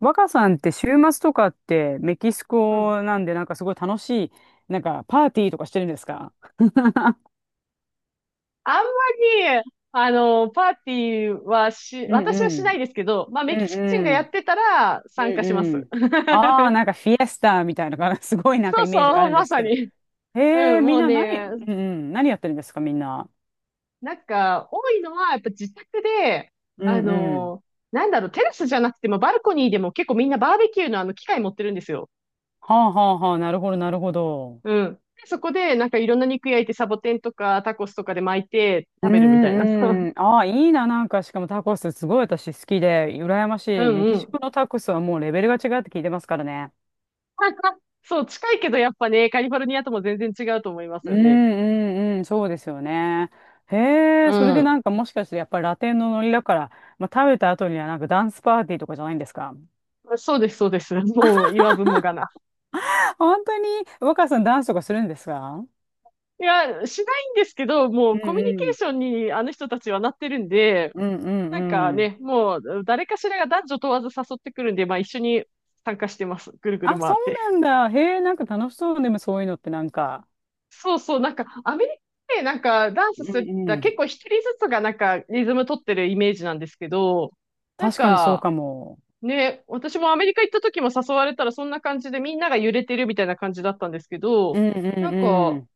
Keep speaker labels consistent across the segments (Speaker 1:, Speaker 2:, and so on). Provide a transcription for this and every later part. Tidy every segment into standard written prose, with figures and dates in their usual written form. Speaker 1: 若さんって週末とかってメキシ
Speaker 2: うん。
Speaker 1: コなんでなんかすごい楽しい、なんかパーティーとかしてるんですか？
Speaker 2: あんまり、あの、パーティーはし、
Speaker 1: うん
Speaker 2: 私
Speaker 1: う
Speaker 2: はしな
Speaker 1: ん。
Speaker 2: いですけど、まあ、
Speaker 1: う
Speaker 2: メキ
Speaker 1: ん
Speaker 2: シコ人が
Speaker 1: う
Speaker 2: やっ
Speaker 1: ん。
Speaker 2: てたら参
Speaker 1: うん
Speaker 2: 加しま
Speaker 1: う
Speaker 2: す。
Speaker 1: ん。ああ、なんかフィエスタみたいなのが すごいなんか
Speaker 2: そう
Speaker 1: イメージがあ
Speaker 2: そう、
Speaker 1: るんで
Speaker 2: ま
Speaker 1: す
Speaker 2: さ
Speaker 1: けど。
Speaker 2: に。
Speaker 1: へ
Speaker 2: う
Speaker 1: え、
Speaker 2: ん、
Speaker 1: みん
Speaker 2: もう
Speaker 1: な何、
Speaker 2: ね、
Speaker 1: うんうん、何やってるんですか、みんな。
Speaker 2: 多いのは、やっぱ自宅で、
Speaker 1: うん
Speaker 2: あ
Speaker 1: うん。
Speaker 2: の、テラスじゃなくても、バルコニーでも結構みんなバーベキューのあの機械持ってるんですよ。
Speaker 1: はあはあはあ、なるほど、なるほど。
Speaker 2: うん。でそこで、なんかいろんな肉焼いて、サボテンとかタコスとかで巻いて
Speaker 1: う
Speaker 2: 食べるみたいな。
Speaker 1: ん うん。ああ、いいな、なんか、しかもタコス、すごい私好きで、羨ま
Speaker 2: う
Speaker 1: しい。
Speaker 2: ん
Speaker 1: メ
Speaker 2: う
Speaker 1: キシ
Speaker 2: ん。
Speaker 1: コのタコスはもうレベルが違うって聞いてますからね。
Speaker 2: そう、近いけどやっぱね、カリフォルニアとも全然違うと思います
Speaker 1: うん
Speaker 2: よね。
Speaker 1: うんうん、そうですよね。へ
Speaker 2: う
Speaker 1: え、それで
Speaker 2: ん。
Speaker 1: なんかもしかしてやっぱりラテンのノリだから、まあ、食べた後にはなんかダンスパーティーとかじゃないんですか？
Speaker 2: そうです、そうです。もう言わずもがな。
Speaker 1: 本当に若さんダンスとかするんですか？
Speaker 2: いや、しないんですけど、も
Speaker 1: う
Speaker 2: うコミュニ
Speaker 1: ん
Speaker 2: ケ
Speaker 1: う
Speaker 2: ー
Speaker 1: ん。
Speaker 2: ションにあの人たちはなってるんで、
Speaker 1: うんうん
Speaker 2: なんか
Speaker 1: うん。
Speaker 2: ね、もう誰かしらが男女問わず誘ってくるんで、まあ一緒に参加してます。ぐるぐる
Speaker 1: あ、
Speaker 2: 回
Speaker 1: そ
Speaker 2: っ
Speaker 1: う
Speaker 2: て。
Speaker 1: なんだ。へえ、なんか楽しそうね。でもそういうのってなんか。
Speaker 2: そうそう、なんかアメリカでなんかダン
Speaker 1: う
Speaker 2: スする、
Speaker 1: んうん。
Speaker 2: 結構一人ずつがなんかリズム取ってるイメージなんですけど、なん
Speaker 1: 確かにそう
Speaker 2: か
Speaker 1: かも。
Speaker 2: ね、私もアメリカ行った時も誘われたらそんな感じでみんなが揺れてるみたいな感じだったんですけ
Speaker 1: う
Speaker 2: ど、
Speaker 1: んう
Speaker 2: なん
Speaker 1: んう
Speaker 2: か、
Speaker 1: ん。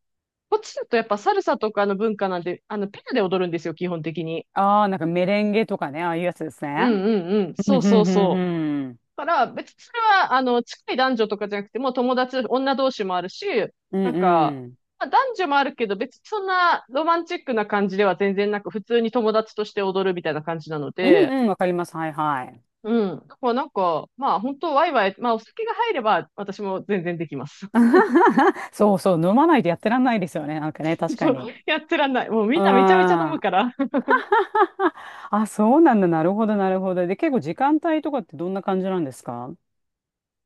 Speaker 2: こっちだとやっぱサルサとかの文化なんで、あの、ペアで踊るんですよ、基本的に。
Speaker 1: ああ、なんかメレンゲとかね、ああいうやつです
Speaker 2: う
Speaker 1: ね。
Speaker 2: んうんうん。
Speaker 1: うん
Speaker 2: そ
Speaker 1: う
Speaker 2: うそう
Speaker 1: んうん
Speaker 2: そう。
Speaker 1: うん。
Speaker 2: だから別にそれは、あの、近い男女とかじゃなくてもう友達、女同士もあるし、
Speaker 1: うん
Speaker 2: なんか、
Speaker 1: うん。
Speaker 2: まあ、男女もあるけど別にそんなロマンチックな感じでは全然なく、普通に友達として踊るみたいな感じなの
Speaker 1: うん
Speaker 2: で、
Speaker 1: うん、わかります。はいはい。
Speaker 2: うん。だからなんか、まあ本当ワイワイ、まあお酒が入れば私も全然できます。
Speaker 1: そうそう、飲まないとやってらんないですよね。なんかね、確か
Speaker 2: そう
Speaker 1: に。
Speaker 2: やってらんない。もうみ
Speaker 1: う
Speaker 2: んなめちゃめちゃ飲む
Speaker 1: ん。
Speaker 2: か ら。
Speaker 1: あ、そうなんだ。なるほど、なるほど。で、結構時間帯とかってどんな感じなんですか？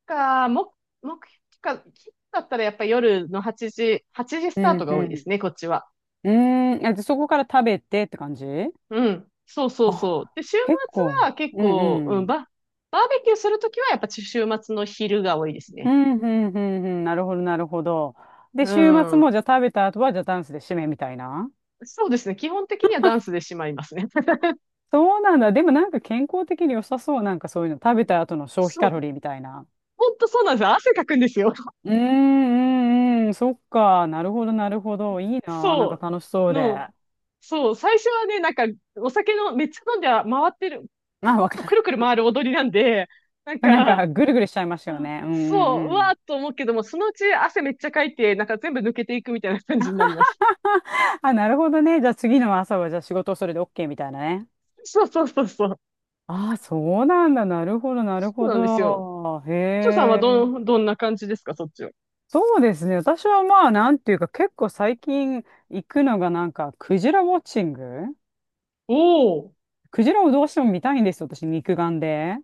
Speaker 2: か、も、目標か、だったらやっぱり夜の8時、8時ス
Speaker 1: う
Speaker 2: タート
Speaker 1: ん
Speaker 2: が多
Speaker 1: う
Speaker 2: いで
Speaker 1: ん。
Speaker 2: すね、こっちは。
Speaker 1: うーん。え、でそこから食べてって感じ？
Speaker 2: うん。そうそう
Speaker 1: あ、
Speaker 2: そう。で、週
Speaker 1: 結
Speaker 2: 末
Speaker 1: 構。
Speaker 2: は結
Speaker 1: うん
Speaker 2: 構、う
Speaker 1: う
Speaker 2: ん、
Speaker 1: ん。
Speaker 2: バ、バーベキューするときはやっぱ週末の昼が多いです
Speaker 1: う
Speaker 2: ね。
Speaker 1: んうんうんうん。なるほど、なるほど。で、
Speaker 2: う
Speaker 1: 週末も
Speaker 2: ん。
Speaker 1: じゃあ食べた後は、じゃあダンスで締めみたいな。
Speaker 2: そうですね。基本的にはダンスでしまいますね。
Speaker 1: そうなんだ。でもなんか健康的に良さそう。なんかそういうの。食べた後の 消費
Speaker 2: そ
Speaker 1: カ
Speaker 2: う。
Speaker 1: ロリーみたいな。
Speaker 2: ほんとそうなんですよ。汗かくんですよ。
Speaker 1: うーんうんうん、そっか、なるほど、なるほど、いいな、なん
Speaker 2: そ
Speaker 1: か楽しそ
Speaker 2: う、
Speaker 1: うで。
Speaker 2: の、
Speaker 1: あ、
Speaker 2: そう、最初はね、なんか、お酒の、めっちゃ飲んで回ってる、
Speaker 1: わ
Speaker 2: く
Speaker 1: か
Speaker 2: るくる回る踊りなんで、なん
Speaker 1: る。なん
Speaker 2: か、
Speaker 1: か、ぐるぐるしちゃいますよ
Speaker 2: あ
Speaker 1: ね。うんう
Speaker 2: そう、
Speaker 1: ん
Speaker 2: う
Speaker 1: う
Speaker 2: わ
Speaker 1: ん。
Speaker 2: ーっと思うけども、そのうち汗めっちゃかいて、なんか全部抜けていくみたいな感じになります。
Speaker 1: あ、なるほどね。じゃあ次の朝は、じゃあ仕事をそれで OK みたいなね。
Speaker 2: そうそうそうそう。
Speaker 1: ああ、そうなんだ。なるほど、なる
Speaker 2: そう
Speaker 1: ほ
Speaker 2: なんですよ。
Speaker 1: ど。へ
Speaker 2: ちょさんはど
Speaker 1: え。
Speaker 2: ん、どんな感じですか、そっちは。
Speaker 1: そうですね。私はまあ、なんていうか、結構最近行くのがなんか、クジラウォッチング。
Speaker 2: おお、
Speaker 1: クジラをどうしても見たいんですよ、私、肉眼で。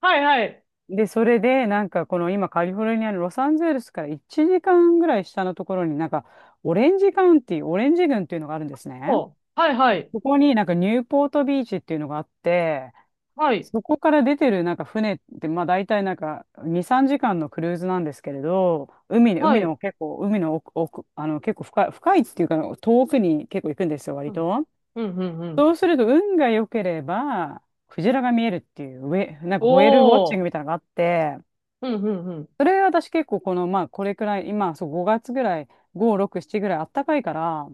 Speaker 2: はいはい。
Speaker 1: で、それで、なんか、この今、カリフォルニアのロサンゼルスから1時間ぐらい下のところになんか、オレンジカウンティー、オレンジ郡っていうのがあるんですね。
Speaker 2: お、はいはい。
Speaker 1: そこになんか、ニューポートビーチっていうのがあって、
Speaker 2: はい、
Speaker 1: そこから出てるなんか船って、まあ大体なんか2、3時間のクルーズなんですけれど、海に、
Speaker 2: は
Speaker 1: 海
Speaker 2: い。
Speaker 1: の結構、海の奥、奥、あの結構深い、深いっていうか遠くに結構行くんですよ、
Speaker 2: う
Speaker 1: 割
Speaker 2: ん、
Speaker 1: と。
Speaker 2: うん、うん。うん
Speaker 1: そうすると運が良ければ、クジラが見えるっていう、上、なんか
Speaker 2: お
Speaker 1: ホエールウォッチン
Speaker 2: お、
Speaker 1: グみたいなのがあって、
Speaker 2: うん、うん、うん。
Speaker 1: それ私結構この、まあ、これくらい、今、そう、5月ぐらい、5、6、7ぐらいあったかいから、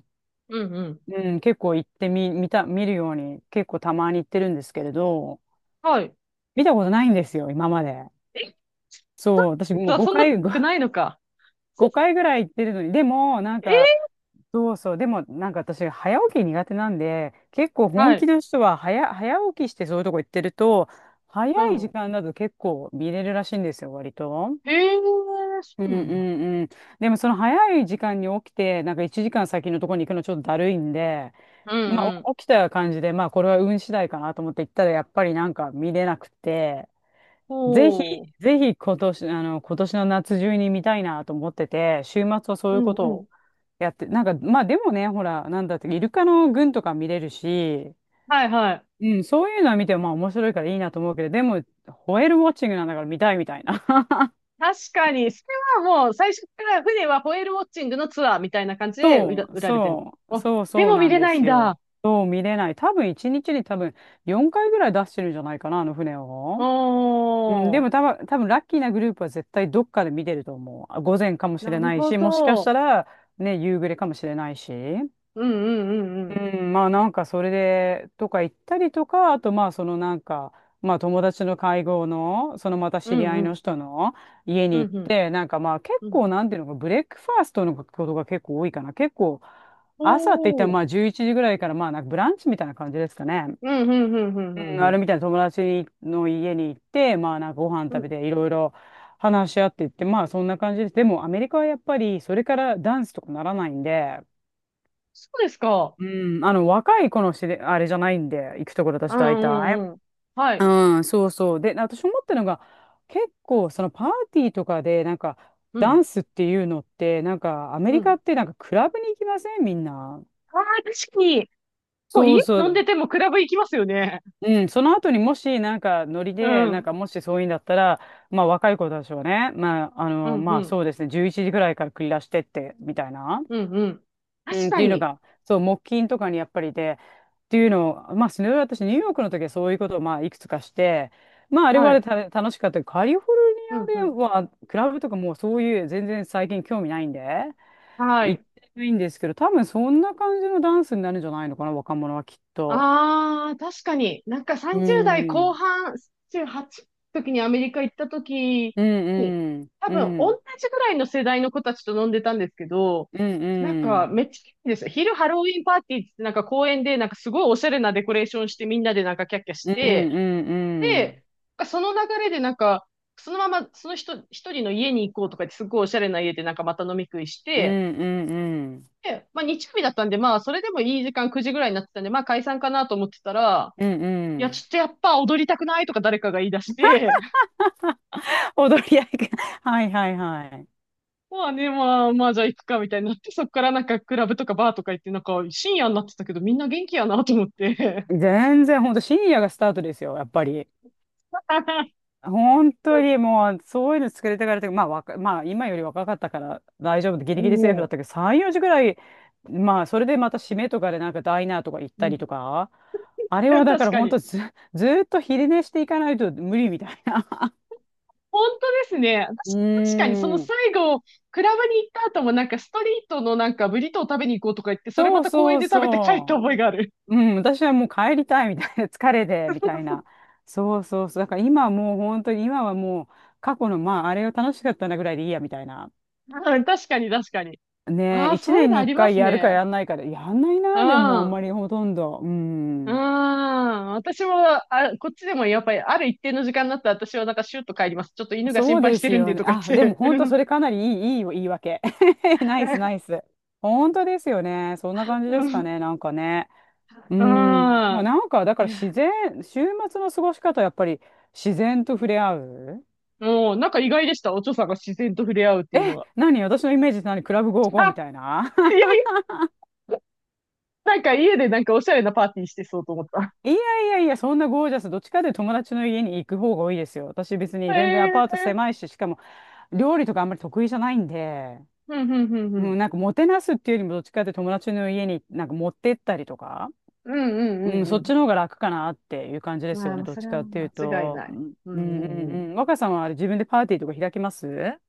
Speaker 2: うん、うん。
Speaker 1: うん、結構行ってみ、見た、見るように、結構たまに行ってるんですけれど、
Speaker 2: はい。
Speaker 1: 見たことないんですよ、今まで。
Speaker 2: え、
Speaker 1: そう、私 もう
Speaker 2: そそんな
Speaker 1: 5回、
Speaker 2: くないのか。
Speaker 1: 5回ぐらい行ってるのに、でも、なんか、
Speaker 2: え
Speaker 1: そうそう、でも、なんか私、早起き苦手なんで、結構
Speaker 2: は
Speaker 1: 本気
Speaker 2: い。
Speaker 1: の人は早起きしてそういうとこ行ってると、早
Speaker 2: う
Speaker 1: い時
Speaker 2: ん。
Speaker 1: 間だと結構見れるらしいんですよ、割と。
Speaker 2: ええそ
Speaker 1: う
Speaker 2: う
Speaker 1: んう
Speaker 2: なんだ。
Speaker 1: んうん。でもその早い時間に起きて、なんか1時間先のところに行くのちょっとだるいんで、
Speaker 2: うん
Speaker 1: まあ
Speaker 2: うん。
Speaker 1: お起きた感じで、まあこれは運次第かなと思って行ったらやっぱりなんか見れなくて、ぜ
Speaker 2: ほ
Speaker 1: ひ、
Speaker 2: う。
Speaker 1: ぜひ今年、あの、今年の夏中に見たいなと思ってて、週末はそう
Speaker 2: う
Speaker 1: いうこ
Speaker 2: ん
Speaker 1: と
Speaker 2: う
Speaker 1: を
Speaker 2: ん。
Speaker 1: やって、なんかまあでもね、ほら、なんだって、イルカの群とか見れるし、
Speaker 2: はいはい。
Speaker 1: うん、そういうのは見てもまあ面白いからいいなと思うけど、でも、ホエールウォッチングなんだから見たいみたいな。
Speaker 2: 確かに、それはもう最初から船はホエールウォッチングのツアーみたいな感じで売ら、
Speaker 1: そう、
Speaker 2: 売られてる。
Speaker 1: そう、
Speaker 2: あ、
Speaker 1: そう
Speaker 2: で
Speaker 1: そう
Speaker 2: も見
Speaker 1: なん
Speaker 2: れ
Speaker 1: で
Speaker 2: ないん
Speaker 1: す
Speaker 2: だ。
Speaker 1: よ。そう見れない。多分一日に多分4回ぐらい出してるんじゃないかな、あの船
Speaker 2: お
Speaker 1: を。うん、でも
Speaker 2: ー。
Speaker 1: 多分、多分ラッキーなグループは絶対どっかで見てると思う。あ午前かもし
Speaker 2: な
Speaker 1: れ
Speaker 2: る
Speaker 1: ない
Speaker 2: ほ
Speaker 1: し、もしかし
Speaker 2: ど。
Speaker 1: たらね、夕暮れかもしれないし。
Speaker 2: うんうんうんうん。
Speaker 1: うん、まあなんかそれでとか行ったりとか、あとまあそのなんか、まあ友達の会合の、そのまた
Speaker 2: う
Speaker 1: 知り
Speaker 2: ん
Speaker 1: 合
Speaker 2: う
Speaker 1: いの
Speaker 2: ん。
Speaker 1: 人の家
Speaker 2: う
Speaker 1: に行っ
Speaker 2: んうん。
Speaker 1: て、なんかまあ結
Speaker 2: うん。
Speaker 1: 構なんていうのか、ブレックファーストのことが結構多いかな。結構朝って言ったら
Speaker 2: おー。
Speaker 1: まあ11時ぐらいからまあなんかブランチみたいな感じですかね。
Speaker 2: うんうんうんうんう
Speaker 1: う
Speaker 2: ん
Speaker 1: ん、
Speaker 2: う
Speaker 1: あ
Speaker 2: ん。
Speaker 1: れみたいな友達の家に行って、まあなんかご飯
Speaker 2: う
Speaker 1: 食べ
Speaker 2: ん。
Speaker 1: ていろいろ話し合っていって、まあそんな感じです。でもアメリカはやっぱりそれからダンスとかならないんで、
Speaker 2: そうですか。
Speaker 1: うん、あの、若い子のしれ、あれじゃないんで、行くところ
Speaker 2: う
Speaker 1: 私大
Speaker 2: んう
Speaker 1: 体。
Speaker 2: んうん。は
Speaker 1: う
Speaker 2: い。
Speaker 1: ん、そうそう。で、私思ったのが、結構、そのパーティーとかで、なんか、
Speaker 2: う
Speaker 1: ダン
Speaker 2: ん。
Speaker 1: スっていうのって、なんか、アメ
Speaker 2: う
Speaker 1: リカっ
Speaker 2: ん。
Speaker 1: てなんか、クラブに行きませんみんな。
Speaker 2: ああ、確かに。こう、
Speaker 1: そう
Speaker 2: 家
Speaker 1: そ
Speaker 2: 飲ん
Speaker 1: う。
Speaker 2: でてもクラブ行きますよね。
Speaker 1: うん、その後にもし、なんか、ノリ
Speaker 2: う
Speaker 1: で、なん
Speaker 2: ん。
Speaker 1: か、もしそういうんだったら、まあ、若い子たちはね、まあ、あ
Speaker 2: う
Speaker 1: の、
Speaker 2: ん、
Speaker 1: ま
Speaker 2: う
Speaker 1: あ、そ
Speaker 2: ん。
Speaker 1: うですね、11時ぐらいから繰り出してって、みたいな。
Speaker 2: うん、うん。
Speaker 1: う
Speaker 2: 確
Speaker 1: ん、っ
Speaker 2: か
Speaker 1: ていうの
Speaker 2: に。
Speaker 1: が、そう、木琴とかにやっぱりで、っていうのを、まあ、それは私、ニューヨークの時はそういうことを、まあ、いくつかして、まあ、あれ
Speaker 2: は
Speaker 1: はあれ
Speaker 2: い。
Speaker 1: でた楽しかったけど。カリフォルニ
Speaker 2: うん、う
Speaker 1: アで
Speaker 2: ん。
Speaker 1: は、クラブとかもうそういう全然最近興味ないんで、
Speaker 2: は
Speaker 1: 行っ
Speaker 2: い。
Speaker 1: てないんですけど、多分そんな感じのダンスになるんじゃないのかな、若者はきっと。
Speaker 2: ああ、確かに。なんか
Speaker 1: う
Speaker 2: 30代後
Speaker 1: ん。
Speaker 2: 半、18の時にアメリカ行った時
Speaker 1: う
Speaker 2: に、
Speaker 1: ん
Speaker 2: 多
Speaker 1: うん。う
Speaker 2: 分同
Speaker 1: ん。
Speaker 2: じぐらいの世代の子たちと飲んでたんですけど、
Speaker 1: うん
Speaker 2: なん
Speaker 1: う
Speaker 2: かめ
Speaker 1: ん。
Speaker 2: っちゃいいんですよ。昼ハロウィンパーティーってなんか公園でなんかすごいおしゃれなデコレーションしてみんなでなんかキャッキャし
Speaker 1: うんう
Speaker 2: て、
Speaker 1: んうん。
Speaker 2: で、その流れでなんか、そのままその人、一人の家に行こうとかってすごいおしゃれな家でなんかまた飲み食いし
Speaker 1: うん
Speaker 2: て、
Speaker 1: うんうん。
Speaker 2: で、まあ日曜日だったんで、まあそれでもいい時間9時ぐらいになってたんで、まあ解散かなと思ってたら、
Speaker 1: うんう
Speaker 2: いや、ちょ
Speaker 1: ん。
Speaker 2: っとやっぱ踊りたくないとか誰かが言い出して、
Speaker 1: 踊り合いが。はいはいはい。
Speaker 2: まあね、まあ、まあじゃあ行くかみたいになって、そっからなんかクラブとかバーとか行って、なんか深夜になってたけどみんな元気やなと思って。
Speaker 1: 全然、ほんと深夜がスタートですよ、やっぱり。本当にもう、そういうの作れてからというか、まあ、わかまあ、今より若かったから大丈夫で、ギリギリセーフだっ
Speaker 2: も
Speaker 1: たけど、3、4時ぐらい、まあ、それでまた締めとかでなんかダイナーとか行っ
Speaker 2: うん。う
Speaker 1: たり
Speaker 2: ん
Speaker 1: とか、あれは だか
Speaker 2: 確
Speaker 1: ら
Speaker 2: か
Speaker 1: 本
Speaker 2: に。
Speaker 1: 当ず、ずーっと昼寝していかないと無理みたいな。
Speaker 2: 本当ですね。
Speaker 1: う
Speaker 2: 確かにその
Speaker 1: ーん。
Speaker 2: 最後、クラブに行った後もなんかストリートのなんかブリトーを食べに行こうとか言って、それ
Speaker 1: そ
Speaker 2: ま
Speaker 1: う
Speaker 2: た公
Speaker 1: そ
Speaker 2: 園
Speaker 1: う
Speaker 2: で食べて帰った覚え
Speaker 1: そ
Speaker 2: がある。
Speaker 1: う。うん、私はもう帰りたいみたいな、疲れでみたいな。そうそうそう。だから今はもう本当に、今はもう過去の、まあ、あれが楽しかったなぐらいでいいやみたいな。
Speaker 2: うん確かに確かに。
Speaker 1: ね
Speaker 2: あ
Speaker 1: え、
Speaker 2: あ、
Speaker 1: 一
Speaker 2: そういう
Speaker 1: 年
Speaker 2: の
Speaker 1: に
Speaker 2: ありま
Speaker 1: 一回
Speaker 2: す
Speaker 1: やるか
Speaker 2: ね。
Speaker 1: やんないかで、やんない
Speaker 2: う
Speaker 1: な、でもあん
Speaker 2: ん。
Speaker 1: まりほとんど。う
Speaker 2: うん。
Speaker 1: ん。
Speaker 2: 私も、あ、こっちでもやっぱりある一定の時間になったら私はなんかシュッと帰ります。ちょっと犬が
Speaker 1: そ
Speaker 2: 心
Speaker 1: う
Speaker 2: 配
Speaker 1: で
Speaker 2: して
Speaker 1: す
Speaker 2: るん
Speaker 1: よ
Speaker 2: で
Speaker 1: ね。
Speaker 2: とか言
Speaker 1: あ、
Speaker 2: っ
Speaker 1: でも
Speaker 2: て。う
Speaker 1: 本当そ
Speaker 2: ん。
Speaker 1: れかなりいい言い訳。ナイスナイス。本当ですよね。そんな感じで
Speaker 2: う
Speaker 1: すか
Speaker 2: ん。
Speaker 1: ね、なんかね。う
Speaker 2: う
Speaker 1: ん。まあ
Speaker 2: ん
Speaker 1: なんか、だか
Speaker 2: い
Speaker 1: ら自
Speaker 2: や
Speaker 1: 然、週末の過ごし方はやっぱり自然と触れ合う。
Speaker 2: もうなんか意外でした。お嬢さんが自然と触れ合うっていうのは。
Speaker 1: 何私のイメージって何クラブゴー ゴー
Speaker 2: あ、
Speaker 1: みたいな？
Speaker 2: いやいやなんか家でなんかおしゃれなパーティーしてそうと思った。
Speaker 1: いやいや、そんなゴージャス。どっちかというと友達の家に行く方が多いですよ。私別 に全然
Speaker 2: へ
Speaker 1: アパート狭
Speaker 2: え。
Speaker 1: いし、しかも料理とかあんまり得意じゃないんで、
Speaker 2: うん、うん、うん、う
Speaker 1: う
Speaker 2: ん。
Speaker 1: ん、なんかもてなすっていうよりもどっちかというと友達の家になんか持ってったりとか、
Speaker 2: うん、うん、
Speaker 1: うん、
Speaker 2: うん、
Speaker 1: そ
Speaker 2: う
Speaker 1: っ
Speaker 2: ん。
Speaker 1: ちの方が楽かなっていう感じですよ
Speaker 2: ま
Speaker 1: ね。
Speaker 2: あ、
Speaker 1: どっ
Speaker 2: そ
Speaker 1: ち
Speaker 2: れは
Speaker 1: かっていう
Speaker 2: 間違い
Speaker 1: と。
Speaker 2: な
Speaker 1: う
Speaker 2: い。
Speaker 1: ん
Speaker 2: う
Speaker 1: う
Speaker 2: ん、
Speaker 1: んうん
Speaker 2: うん、う
Speaker 1: うん。若さんはあれ自分でパーティーとか開きます？う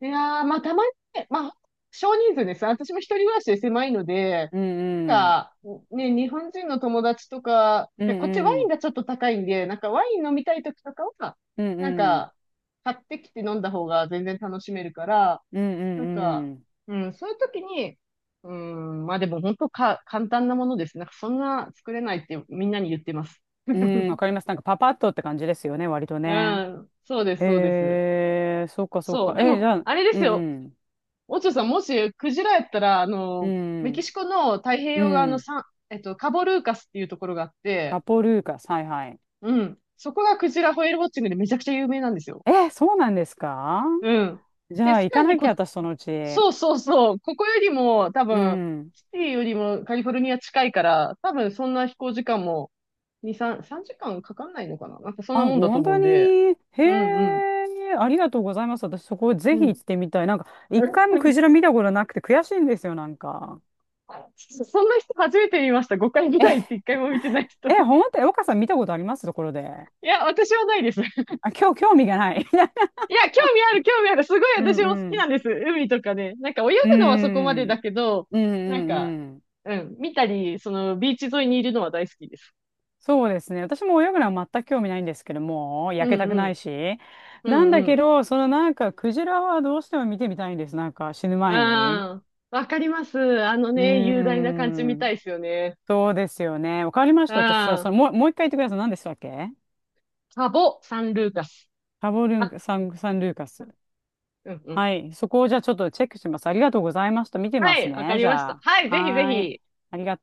Speaker 2: ん。いやー、まあ、たまにね、まあ、少人数です。私も一人暮らしで狭いので、
Speaker 1: んうん。
Speaker 2: なんか、ね、日本人の友達とか、
Speaker 1: うん
Speaker 2: で、こっちワ
Speaker 1: う
Speaker 2: イン
Speaker 1: ん。
Speaker 2: がちょっと高いんで、なんかワイン飲みたい時とかは、
Speaker 1: うん
Speaker 2: なん
Speaker 1: うん。
Speaker 2: か、買ってきて飲んだ方が全然楽しめるから、
Speaker 1: うんう
Speaker 2: なん
Speaker 1: ん
Speaker 2: か、
Speaker 1: うん。
Speaker 2: うん、そういう時に、うん、まあでも本当か、簡単なものですね。なんかそんな作れないってみんなに言ってます。
Speaker 1: うん、わ かります。なんかパパッとって感じですよね、割と
Speaker 2: う
Speaker 1: ね。
Speaker 2: ん、そうです、そうです。
Speaker 1: へえ、そっかそっ
Speaker 2: そ
Speaker 1: か。
Speaker 2: う。で
Speaker 1: え、じ
Speaker 2: も、
Speaker 1: ゃあ、
Speaker 2: あれで
Speaker 1: う
Speaker 2: す
Speaker 1: んう
Speaker 2: よ。
Speaker 1: ん。
Speaker 2: オチョさん、もしクジラやったら、あ
Speaker 1: う
Speaker 2: の、メキ
Speaker 1: ん。
Speaker 2: シコの太平
Speaker 1: う
Speaker 2: 洋側の
Speaker 1: ん。
Speaker 2: サン、えっと、カボルーカスっていうところがあって、
Speaker 1: カポルーカス、はいはい。
Speaker 2: うん。そこがクジラホエールウォッチングでめちゃくちゃ有名なんですよ。
Speaker 1: え、そうなんですか？
Speaker 2: うん。
Speaker 1: じ
Speaker 2: で、
Speaker 1: ゃあ、
Speaker 2: さ
Speaker 1: 行か
Speaker 2: らに
Speaker 1: なきゃ、
Speaker 2: こ
Speaker 1: 私、そのうち。
Speaker 2: そうそうそう。ここよりも多
Speaker 1: う
Speaker 2: 分、
Speaker 1: ん。
Speaker 2: シティよりもカリフォルニア近いから、多分そんな飛行時間も2、3時間かんかかんないのかななんかそん
Speaker 1: あ、
Speaker 2: なもんだと
Speaker 1: 本
Speaker 2: 思う
Speaker 1: 当
Speaker 2: ん
Speaker 1: に。
Speaker 2: で。
Speaker 1: へ
Speaker 2: うんうん。
Speaker 1: え、ありがとうございます。私、そこぜ
Speaker 2: う
Speaker 1: ひ行
Speaker 2: ん。
Speaker 1: ってみたい。なんか、一回もク ジラ見たことなくて悔しいんですよ、なんか。
Speaker 2: そんな人初めて見ました。5回ぐらいって1回も見てない人。い
Speaker 1: え、本当、え、岡さん見たことありますところで。
Speaker 2: や、私はないです。
Speaker 1: あ、今日興味がない。
Speaker 2: いや、興味ある、興味ある。すごい
Speaker 1: うん
Speaker 2: 私も好
Speaker 1: う
Speaker 2: き
Speaker 1: ん。
Speaker 2: なんです。海とかね。なんか泳
Speaker 1: う
Speaker 2: ぐのはそこまで
Speaker 1: ん
Speaker 2: だけど、
Speaker 1: うんう
Speaker 2: なんか、
Speaker 1: んうん。
Speaker 2: うん、見たり、そのビーチ沿いにいるのは大好きです。
Speaker 1: そうですね。私も泳ぐのは全く興味ないんですけども、
Speaker 2: う
Speaker 1: 焼けたく
Speaker 2: んう
Speaker 1: ない
Speaker 2: ん。
Speaker 1: し。
Speaker 2: う
Speaker 1: なん
Speaker 2: ん
Speaker 1: だ
Speaker 2: う
Speaker 1: け
Speaker 2: ん。
Speaker 1: ど、そのなんか、クジラはどうしても見てみたいんです。なんか、死ぬ
Speaker 2: うん。
Speaker 1: 前に。
Speaker 2: わかります。あの
Speaker 1: うー
Speaker 2: ね、雄大な感じみたい
Speaker 1: ん。
Speaker 2: ですよね。
Speaker 1: そうですよね。わかりまし
Speaker 2: う
Speaker 1: た。私は、そ
Speaker 2: ん。
Speaker 1: の、もう、もう一回言ってください。何でしたっけ？
Speaker 2: サボ・サンルーカス。
Speaker 1: カボルン
Speaker 2: あ、
Speaker 1: カ、サン、サンルーカス。
Speaker 2: うんうん。
Speaker 1: はい。そこをじゃあちょっとチェックします。ありがとうございました。見てま
Speaker 2: は
Speaker 1: す
Speaker 2: い、わか
Speaker 1: ね。
Speaker 2: り
Speaker 1: じ
Speaker 2: まし
Speaker 1: ゃ
Speaker 2: た。
Speaker 1: あ。
Speaker 2: はい、ぜひぜ
Speaker 1: はーい。
Speaker 2: ひ。
Speaker 1: ありがとう。